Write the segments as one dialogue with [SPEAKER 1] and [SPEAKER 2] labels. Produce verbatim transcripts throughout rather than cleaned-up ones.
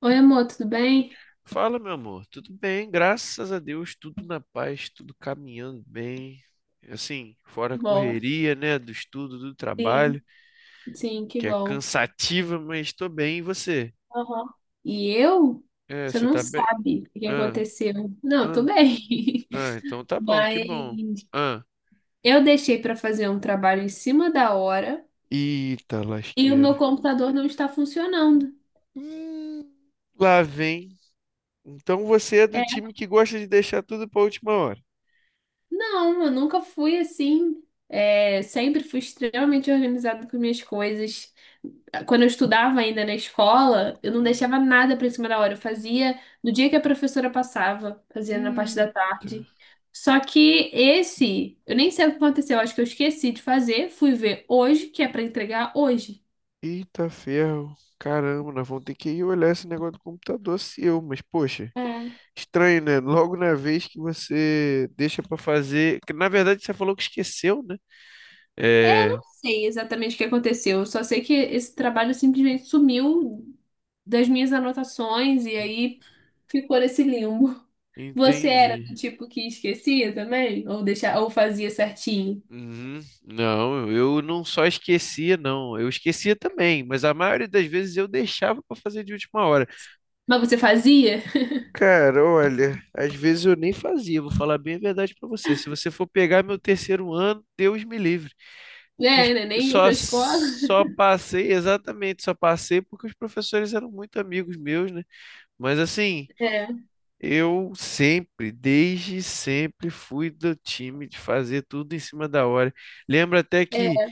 [SPEAKER 1] Oi, amor, tudo bem?
[SPEAKER 2] Fala, meu amor. Tudo bem, graças a Deus, tudo na paz, tudo caminhando bem. Assim, fora a
[SPEAKER 1] Bom,
[SPEAKER 2] correria, né, do estudo, do
[SPEAKER 1] sim.
[SPEAKER 2] trabalho,
[SPEAKER 1] Sim, que
[SPEAKER 2] que é
[SPEAKER 1] bom.
[SPEAKER 2] cansativa, mas tô bem. E você?
[SPEAKER 1] Aham. E eu?
[SPEAKER 2] É,
[SPEAKER 1] Você
[SPEAKER 2] você
[SPEAKER 1] não
[SPEAKER 2] tá bem?
[SPEAKER 1] sabe o que
[SPEAKER 2] Ah,
[SPEAKER 1] aconteceu. Não, eu tô
[SPEAKER 2] ah,
[SPEAKER 1] bem.
[SPEAKER 2] ah, então tá bom, que bom.
[SPEAKER 1] Mas
[SPEAKER 2] Ah,
[SPEAKER 1] eu deixei pra fazer um trabalho em cima da hora
[SPEAKER 2] eita
[SPEAKER 1] e o
[SPEAKER 2] lasqueira.
[SPEAKER 1] meu computador não está funcionando.
[SPEAKER 2] Hum, lá vem. Então você é do
[SPEAKER 1] É,
[SPEAKER 2] time que gosta de deixar tudo pra última hora.
[SPEAKER 1] não, eu nunca fui assim. É, sempre fui extremamente organizada com minhas coisas. Quando eu estudava ainda na escola, eu não
[SPEAKER 2] Uhum.
[SPEAKER 1] deixava nada pra cima da hora. Eu fazia no dia que a professora passava, fazia na parte da
[SPEAKER 2] Eita.
[SPEAKER 1] tarde. Só que esse, eu nem sei o que aconteceu, acho que eu esqueci de fazer, fui ver hoje, que é pra entregar hoje.
[SPEAKER 2] Eita ferro, caramba, nós vamos ter que ir olhar esse negócio do computador seu, mas poxa,
[SPEAKER 1] É,
[SPEAKER 2] estranho, né? Logo na vez que você deixa pra fazer, que na verdade você falou que esqueceu, né?
[SPEAKER 1] é, eu
[SPEAKER 2] É,
[SPEAKER 1] não sei exatamente o que aconteceu, eu só sei que esse trabalho simplesmente sumiu das minhas anotações e aí ficou nesse limbo. Você era do
[SPEAKER 2] entendi.
[SPEAKER 1] tipo que esquecia também? Ou deixa, ou fazia certinho?
[SPEAKER 2] Uhum. Não, eu não só esquecia, não, eu esquecia também, mas a maioria das vezes eu deixava pra fazer de última hora.
[SPEAKER 1] Mas você fazia?
[SPEAKER 2] Cara, olha, às vezes eu nem fazia, vou falar bem a verdade pra você. Se você for pegar meu terceiro ano, Deus me livre. fiz-
[SPEAKER 1] É, né? Nem ia
[SPEAKER 2] só,
[SPEAKER 1] pra escola.
[SPEAKER 2] só passei, exatamente, só passei porque os professores eram muito amigos meus, né? Mas assim,
[SPEAKER 1] É,
[SPEAKER 2] eu sempre, desde sempre, fui do time de fazer tudo em cima da hora. Lembro até que
[SPEAKER 1] é,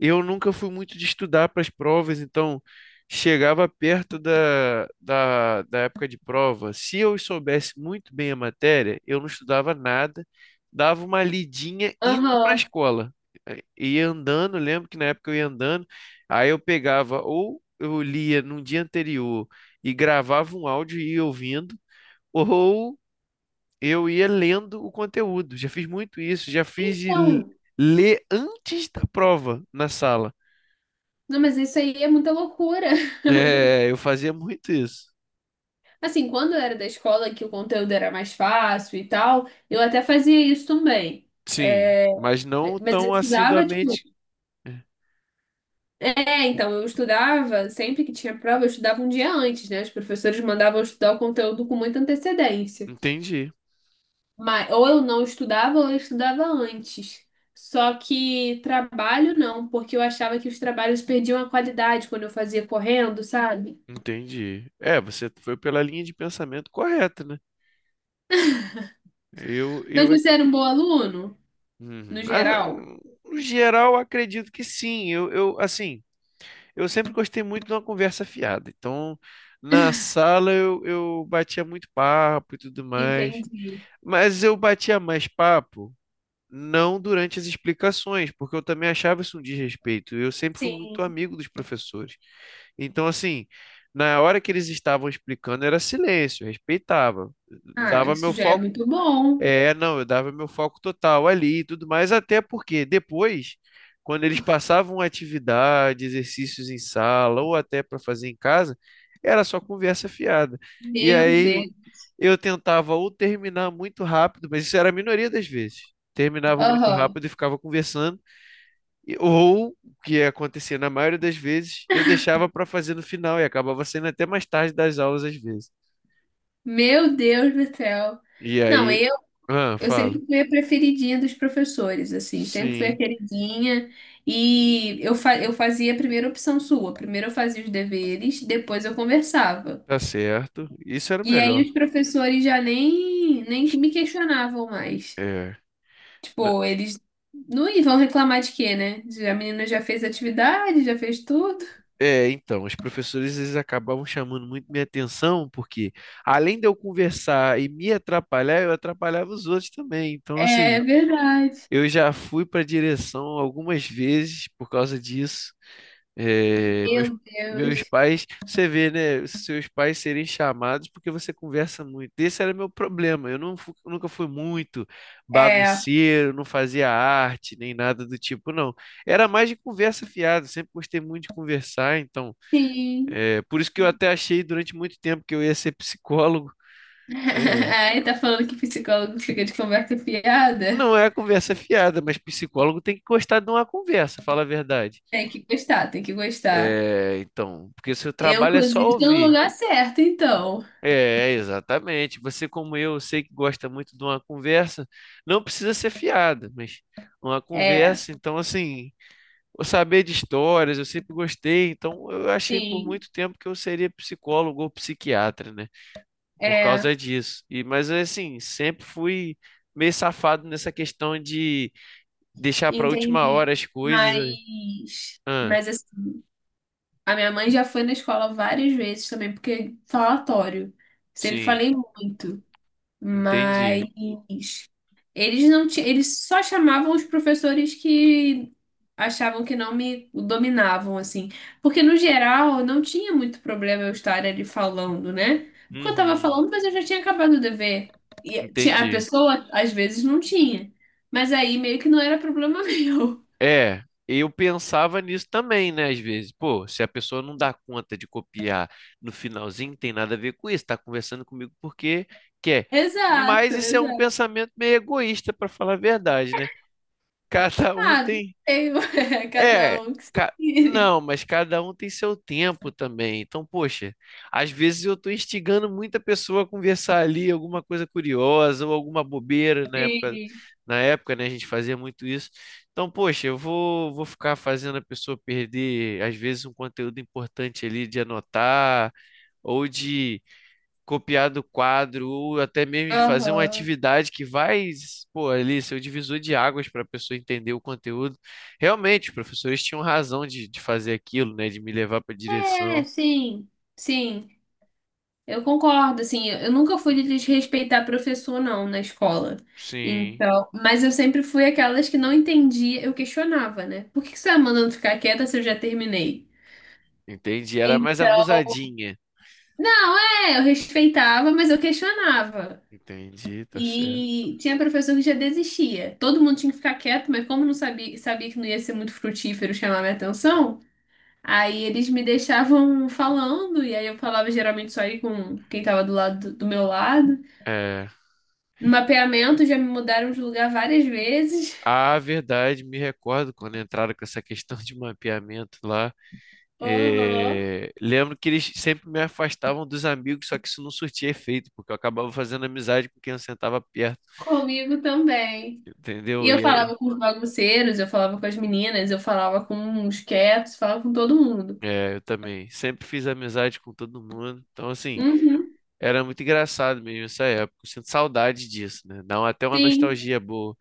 [SPEAKER 2] eu nunca fui muito de estudar para as provas, então chegava perto da, da, da época de prova. Se eu soubesse muito bem a matéria, eu não estudava nada, dava uma lidinha indo para a
[SPEAKER 1] aham.
[SPEAKER 2] escola. Eh, Ia andando, lembro que na época eu ia andando, aí eu pegava ou eu lia num dia anterior e gravava um áudio e ia ouvindo, ou eu ia lendo o conteúdo. Já fiz muito isso, já fiz de l-
[SPEAKER 1] Então,
[SPEAKER 2] ler antes da prova na sala.
[SPEAKER 1] não, mas isso aí é muita loucura.
[SPEAKER 2] É, eu fazia muito isso.
[SPEAKER 1] Assim, quando eu era da escola, que o conteúdo era mais fácil e tal, eu até fazia isso também.
[SPEAKER 2] Sim,
[SPEAKER 1] É,
[SPEAKER 2] mas não
[SPEAKER 1] mas eu
[SPEAKER 2] tão
[SPEAKER 1] estudava, tipo,
[SPEAKER 2] assiduamente.
[SPEAKER 1] é, então, eu estudava, sempre que tinha prova, eu estudava um dia antes, né? Os professores mandavam eu estudar o conteúdo com muita antecedência.
[SPEAKER 2] Entendi,
[SPEAKER 1] Mas, ou eu não estudava ou eu estudava antes. Só que trabalho não, porque eu achava que os trabalhos perdiam a qualidade quando eu fazia correndo, sabe?
[SPEAKER 2] entendi. É, você foi pela linha de pensamento correta, né? Eu,
[SPEAKER 1] Mas
[SPEAKER 2] eu, ac-
[SPEAKER 1] você era um bom aluno,
[SPEAKER 2] Uhum.
[SPEAKER 1] no
[SPEAKER 2] Mas, ah,
[SPEAKER 1] geral?
[SPEAKER 2] no geral, acredito que sim. Eu, eu, assim, eu sempre gostei muito de uma conversa fiada. Então, na sala eu, eu batia muito papo e tudo mais.
[SPEAKER 1] Entendi.
[SPEAKER 2] Mas eu batia mais papo, não durante as explicações, porque eu também achava isso um desrespeito. Eu sempre fui muito
[SPEAKER 1] Sim.
[SPEAKER 2] amigo dos professores. Então, assim, na hora que eles estavam explicando, era silêncio, eu respeitava.
[SPEAKER 1] Ah,
[SPEAKER 2] Dava
[SPEAKER 1] isso
[SPEAKER 2] meu
[SPEAKER 1] já é
[SPEAKER 2] foco
[SPEAKER 1] muito bom.
[SPEAKER 2] é, não, Eu dava meu foco total ali e tudo mais, até porque depois, quando eles passavam atividade, exercícios em sala ou até para fazer em casa, era só conversa fiada. E
[SPEAKER 1] Meu Deus.
[SPEAKER 2] aí eu tentava ou terminar muito rápido, mas isso era a minoria das vezes. Terminava muito
[SPEAKER 1] Aham.
[SPEAKER 2] rápido e ficava conversando, e- ou o que acontecia na maioria das vezes, eu deixava para fazer no final e acabava sendo até mais tarde das aulas às vezes.
[SPEAKER 1] Meu Deus do céu.
[SPEAKER 2] E
[SPEAKER 1] Não,
[SPEAKER 2] aí,
[SPEAKER 1] eu
[SPEAKER 2] ah,
[SPEAKER 1] Eu
[SPEAKER 2] falo.
[SPEAKER 1] sempre fui a preferidinha dos professores, assim, sempre fui a
[SPEAKER 2] Sim.
[SPEAKER 1] queridinha. E eu, fa eu fazia a primeira opção sua. Primeiro eu fazia os deveres, depois eu conversava.
[SPEAKER 2] Tá certo. Isso era o
[SPEAKER 1] E aí
[SPEAKER 2] melhor.
[SPEAKER 1] os professores já nem, nem que me questionavam mais.
[SPEAKER 2] É. Na-
[SPEAKER 1] Tipo, eles não vão reclamar de quê, né? Já- a menina já fez atividade, já fez tudo.
[SPEAKER 2] É, então, os professores eles acabavam chamando muito minha atenção, porque além de eu conversar e me atrapalhar, eu atrapalhava os outros também. Então,
[SPEAKER 1] É
[SPEAKER 2] assim,
[SPEAKER 1] verdade.
[SPEAKER 2] eu já fui para direção algumas vezes por causa disso. É, meus,
[SPEAKER 1] Meu
[SPEAKER 2] Meus
[SPEAKER 1] Deus.
[SPEAKER 2] pais, você vê, né? Seus pais serem chamados porque você conversa muito. Esse era meu problema. Eu não, fu- Nunca fui muito
[SPEAKER 1] É,
[SPEAKER 2] bagunceiro, não fazia arte, nem nada do tipo, não. Era mais de conversa fiada. Sempre gostei muito de conversar, então.
[SPEAKER 1] sim.
[SPEAKER 2] É, por isso que eu até achei durante muito tempo que eu ia ser psicólogo. É,
[SPEAKER 1] Aí tá falando que psicólogo fica de conversa fiada?
[SPEAKER 2] não é a conversa fiada, mas psicólogo tem que gostar de uma conversa, fala a verdade.
[SPEAKER 1] Tem que gostar, tem que gostar.
[SPEAKER 2] É, então, porque seu
[SPEAKER 1] Eu,
[SPEAKER 2] trabalho é só
[SPEAKER 1] inclusive, estou no
[SPEAKER 2] ouvir.
[SPEAKER 1] lugar certo, então.
[SPEAKER 2] É, exatamente. Você, como eu, eu sei que gosta muito de uma conversa, não precisa ser fiada, mas uma
[SPEAKER 1] É,
[SPEAKER 2] conversa, então, assim, eu saber de histórias, eu sempre gostei, então eu achei por
[SPEAKER 1] sim,
[SPEAKER 2] muito tempo que eu seria psicólogo ou psiquiatra, né? Por
[SPEAKER 1] é,
[SPEAKER 2] causa disso. E, mas, assim, sempre fui meio safado nessa questão de deixar para última hora
[SPEAKER 1] entendi.
[SPEAKER 2] as coisas.
[SPEAKER 1] Mas,
[SPEAKER 2] Ah,
[SPEAKER 1] mas assim, a minha mãe já foi na escola várias vezes também, porque falatório. Sempre
[SPEAKER 2] sim,
[SPEAKER 1] falei muito.
[SPEAKER 2] entendi.
[SPEAKER 1] Mas eles não ti- eles só chamavam os professores que achavam que não me dominavam assim, porque no geral não tinha muito problema eu estar ali falando, né? Porque eu tava
[SPEAKER 2] Uhum,
[SPEAKER 1] falando, mas eu já tinha acabado o dever. E tinha- a
[SPEAKER 2] entendi.
[SPEAKER 1] pessoa às vezes não tinha, mas aí meio que não era problema meu.
[SPEAKER 2] É, eu pensava nisso também, né? Às vezes, pô, se a pessoa não dá conta de copiar no finalzinho, tem nada a ver com isso, tá conversando comigo porque quer. Mas
[SPEAKER 1] Exato,
[SPEAKER 2] isso é um
[SPEAKER 1] exato.
[SPEAKER 2] pensamento meio egoísta, para falar a verdade, né? Cada um
[SPEAKER 1] Ah, não
[SPEAKER 2] tem
[SPEAKER 1] sei, cada
[SPEAKER 2] é,
[SPEAKER 1] um que se
[SPEAKER 2] ca-
[SPEAKER 1] vire.
[SPEAKER 2] Não, mas cada um tem seu tempo também. Então, poxa, às vezes eu tô instigando muita pessoa a conversar ali alguma coisa curiosa ou alguma bobeira na época,
[SPEAKER 1] Sim.
[SPEAKER 2] na época, né, a gente fazia muito isso. Então, poxa, eu vou, vou ficar fazendo a pessoa perder, às vezes, um conteúdo importante ali de anotar ou de copiar do quadro, ou até mesmo de fazer uma
[SPEAKER 1] Aham.
[SPEAKER 2] atividade que vai, pô, ali ser o divisor de águas para a pessoa entender o conteúdo. Realmente, os professores tinham razão de, de fazer aquilo, né? De me levar para direção.
[SPEAKER 1] É, sim, sim. Eu concordo, assim, eu nunca fui de desrespeitar professor, não, na escola.
[SPEAKER 2] Sim,
[SPEAKER 1] Então, mas eu sempre fui aquelas que não entendia, eu questionava, né? Por que que você tá mandando ficar quieta se eu já terminei?
[SPEAKER 2] entendi. Era mais
[SPEAKER 1] Então,
[SPEAKER 2] abusadinha.
[SPEAKER 1] não, é, eu respeitava, mas eu questionava.
[SPEAKER 2] Entendi, tá certo.
[SPEAKER 1] E tinha professor que já desistia. Todo mundo tinha que ficar quieto, mas como não sabia, sabia que não ia ser muito frutífero chamar minha atenção, aí eles me deixavam falando, e aí eu falava geralmente só aí com quem tava do lado do meu lado.
[SPEAKER 2] É,
[SPEAKER 1] No mapeamento já me mudaram de lugar várias vezes.
[SPEAKER 2] a verdade, me recordo quando entraram com essa questão de mapeamento lá.
[SPEAKER 1] Aham,
[SPEAKER 2] É, lembro que eles sempre me afastavam dos amigos, só que isso não surtia efeito, porque eu acabava fazendo amizade com quem eu sentava perto.
[SPEAKER 1] comigo também. E
[SPEAKER 2] Entendeu?
[SPEAKER 1] eu
[SPEAKER 2] E aí?
[SPEAKER 1] falava com os bagunceiros, eu falava com as meninas, eu falava com os quietos, falava com todo mundo.
[SPEAKER 2] É, eu também. Sempre fiz amizade com todo mundo. Então, assim,
[SPEAKER 1] Uhum.
[SPEAKER 2] era muito engraçado mesmo essa época. Eu sinto saudade disso, né? Dá uma- até uma
[SPEAKER 1] Sim,
[SPEAKER 2] nostalgia boa.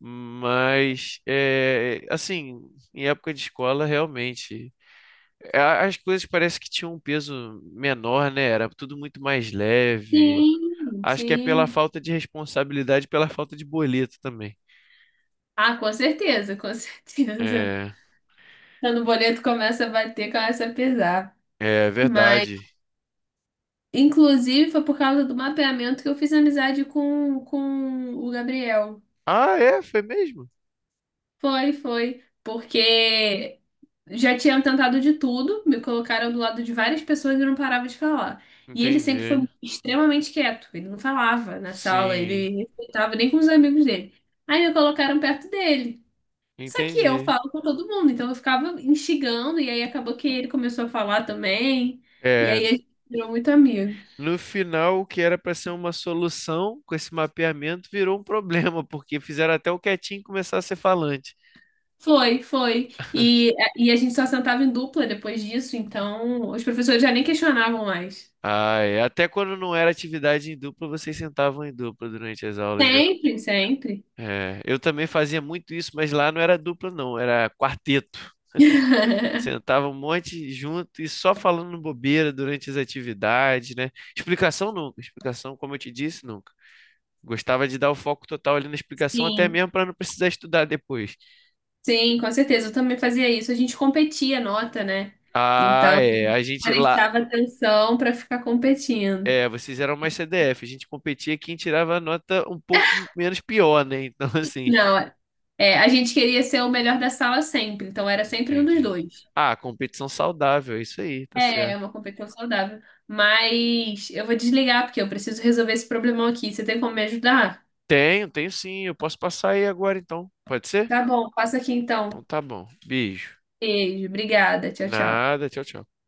[SPEAKER 2] Mas, é, assim, em época de escola, realmente, é, as coisas parece que tinham um peso menor, né? Era tudo muito mais leve.
[SPEAKER 1] sim,
[SPEAKER 2] Acho que é pela
[SPEAKER 1] sim.
[SPEAKER 2] falta de responsabilidade, pela falta de boleto também.
[SPEAKER 1] Ah, com certeza, com certeza.
[SPEAKER 2] É,
[SPEAKER 1] Quando o boleto começa a bater, começa a pesar.
[SPEAKER 2] é
[SPEAKER 1] Mas,
[SPEAKER 2] verdade.
[SPEAKER 1] inclusive, foi por causa do mapeamento que eu fiz amizade com, com o Gabriel.
[SPEAKER 2] Ah, é? Foi mesmo?
[SPEAKER 1] Foi, foi. Porque já tinham tentado de tudo, me colocaram do lado de várias pessoas e eu não parava de falar. E ele sempre foi
[SPEAKER 2] Entendi.
[SPEAKER 1] extremamente quieto, ele não falava na sala,
[SPEAKER 2] Sim.
[SPEAKER 1] ele não estava nem com os amigos dele. Aí me colocaram perto dele. Só que eu
[SPEAKER 2] Entendi.
[SPEAKER 1] falo com todo mundo, então eu ficava instigando, e aí acabou que ele começou a falar também, e
[SPEAKER 2] É,
[SPEAKER 1] aí a gente virou muito amigo.
[SPEAKER 2] no final, o que era para ser uma solução com esse mapeamento virou um problema, porque fizeram até o quietinho começar a ser falante.
[SPEAKER 1] Foi, foi. E, e a gente só sentava em dupla depois disso, então os professores já nem questionavam mais.
[SPEAKER 2] Ah, é. Até quando não era atividade em dupla, vocês sentavam em dupla durante as aulas, né?
[SPEAKER 1] Sempre, sempre.
[SPEAKER 2] É, eu também fazia muito isso, mas lá não era dupla, não, era quarteto. Sentava um monte junto e só falando bobeira durante as atividades, né? Explicação nunca, explicação, como eu te disse, nunca. Gostava de dar o foco total ali na explicação, até
[SPEAKER 1] Sim,
[SPEAKER 2] mesmo para não precisar estudar depois.
[SPEAKER 1] sim, com certeza. Eu também fazia isso. A gente competia nota, né?
[SPEAKER 2] Ah,
[SPEAKER 1] Então,
[SPEAKER 2] é. A gente lá.
[SPEAKER 1] prestava atenção para ficar competindo.
[SPEAKER 2] É, vocês eram mais C D F. A gente competia quem tirava a nota um pouco menos pior, né? Então, assim.
[SPEAKER 1] Não, é, a gente queria ser o melhor da sala sempre, então era sempre um dos
[SPEAKER 2] Entendi.
[SPEAKER 1] dois.
[SPEAKER 2] Ah, competição saudável, é isso aí, tá
[SPEAKER 1] É,
[SPEAKER 2] certo.
[SPEAKER 1] é uma competição saudável. Mas eu vou desligar porque eu preciso resolver esse problemão aqui. Você tem como me ajudar?
[SPEAKER 2] Tenho, tenho sim. Eu posso passar aí agora, então. Pode ser?
[SPEAKER 1] Tá bom, passa aqui
[SPEAKER 2] Então
[SPEAKER 1] então.
[SPEAKER 2] tá bom. Beijo.
[SPEAKER 1] Beijo, obrigada. Tchau, tchau.
[SPEAKER 2] Nada, tchau, tchau.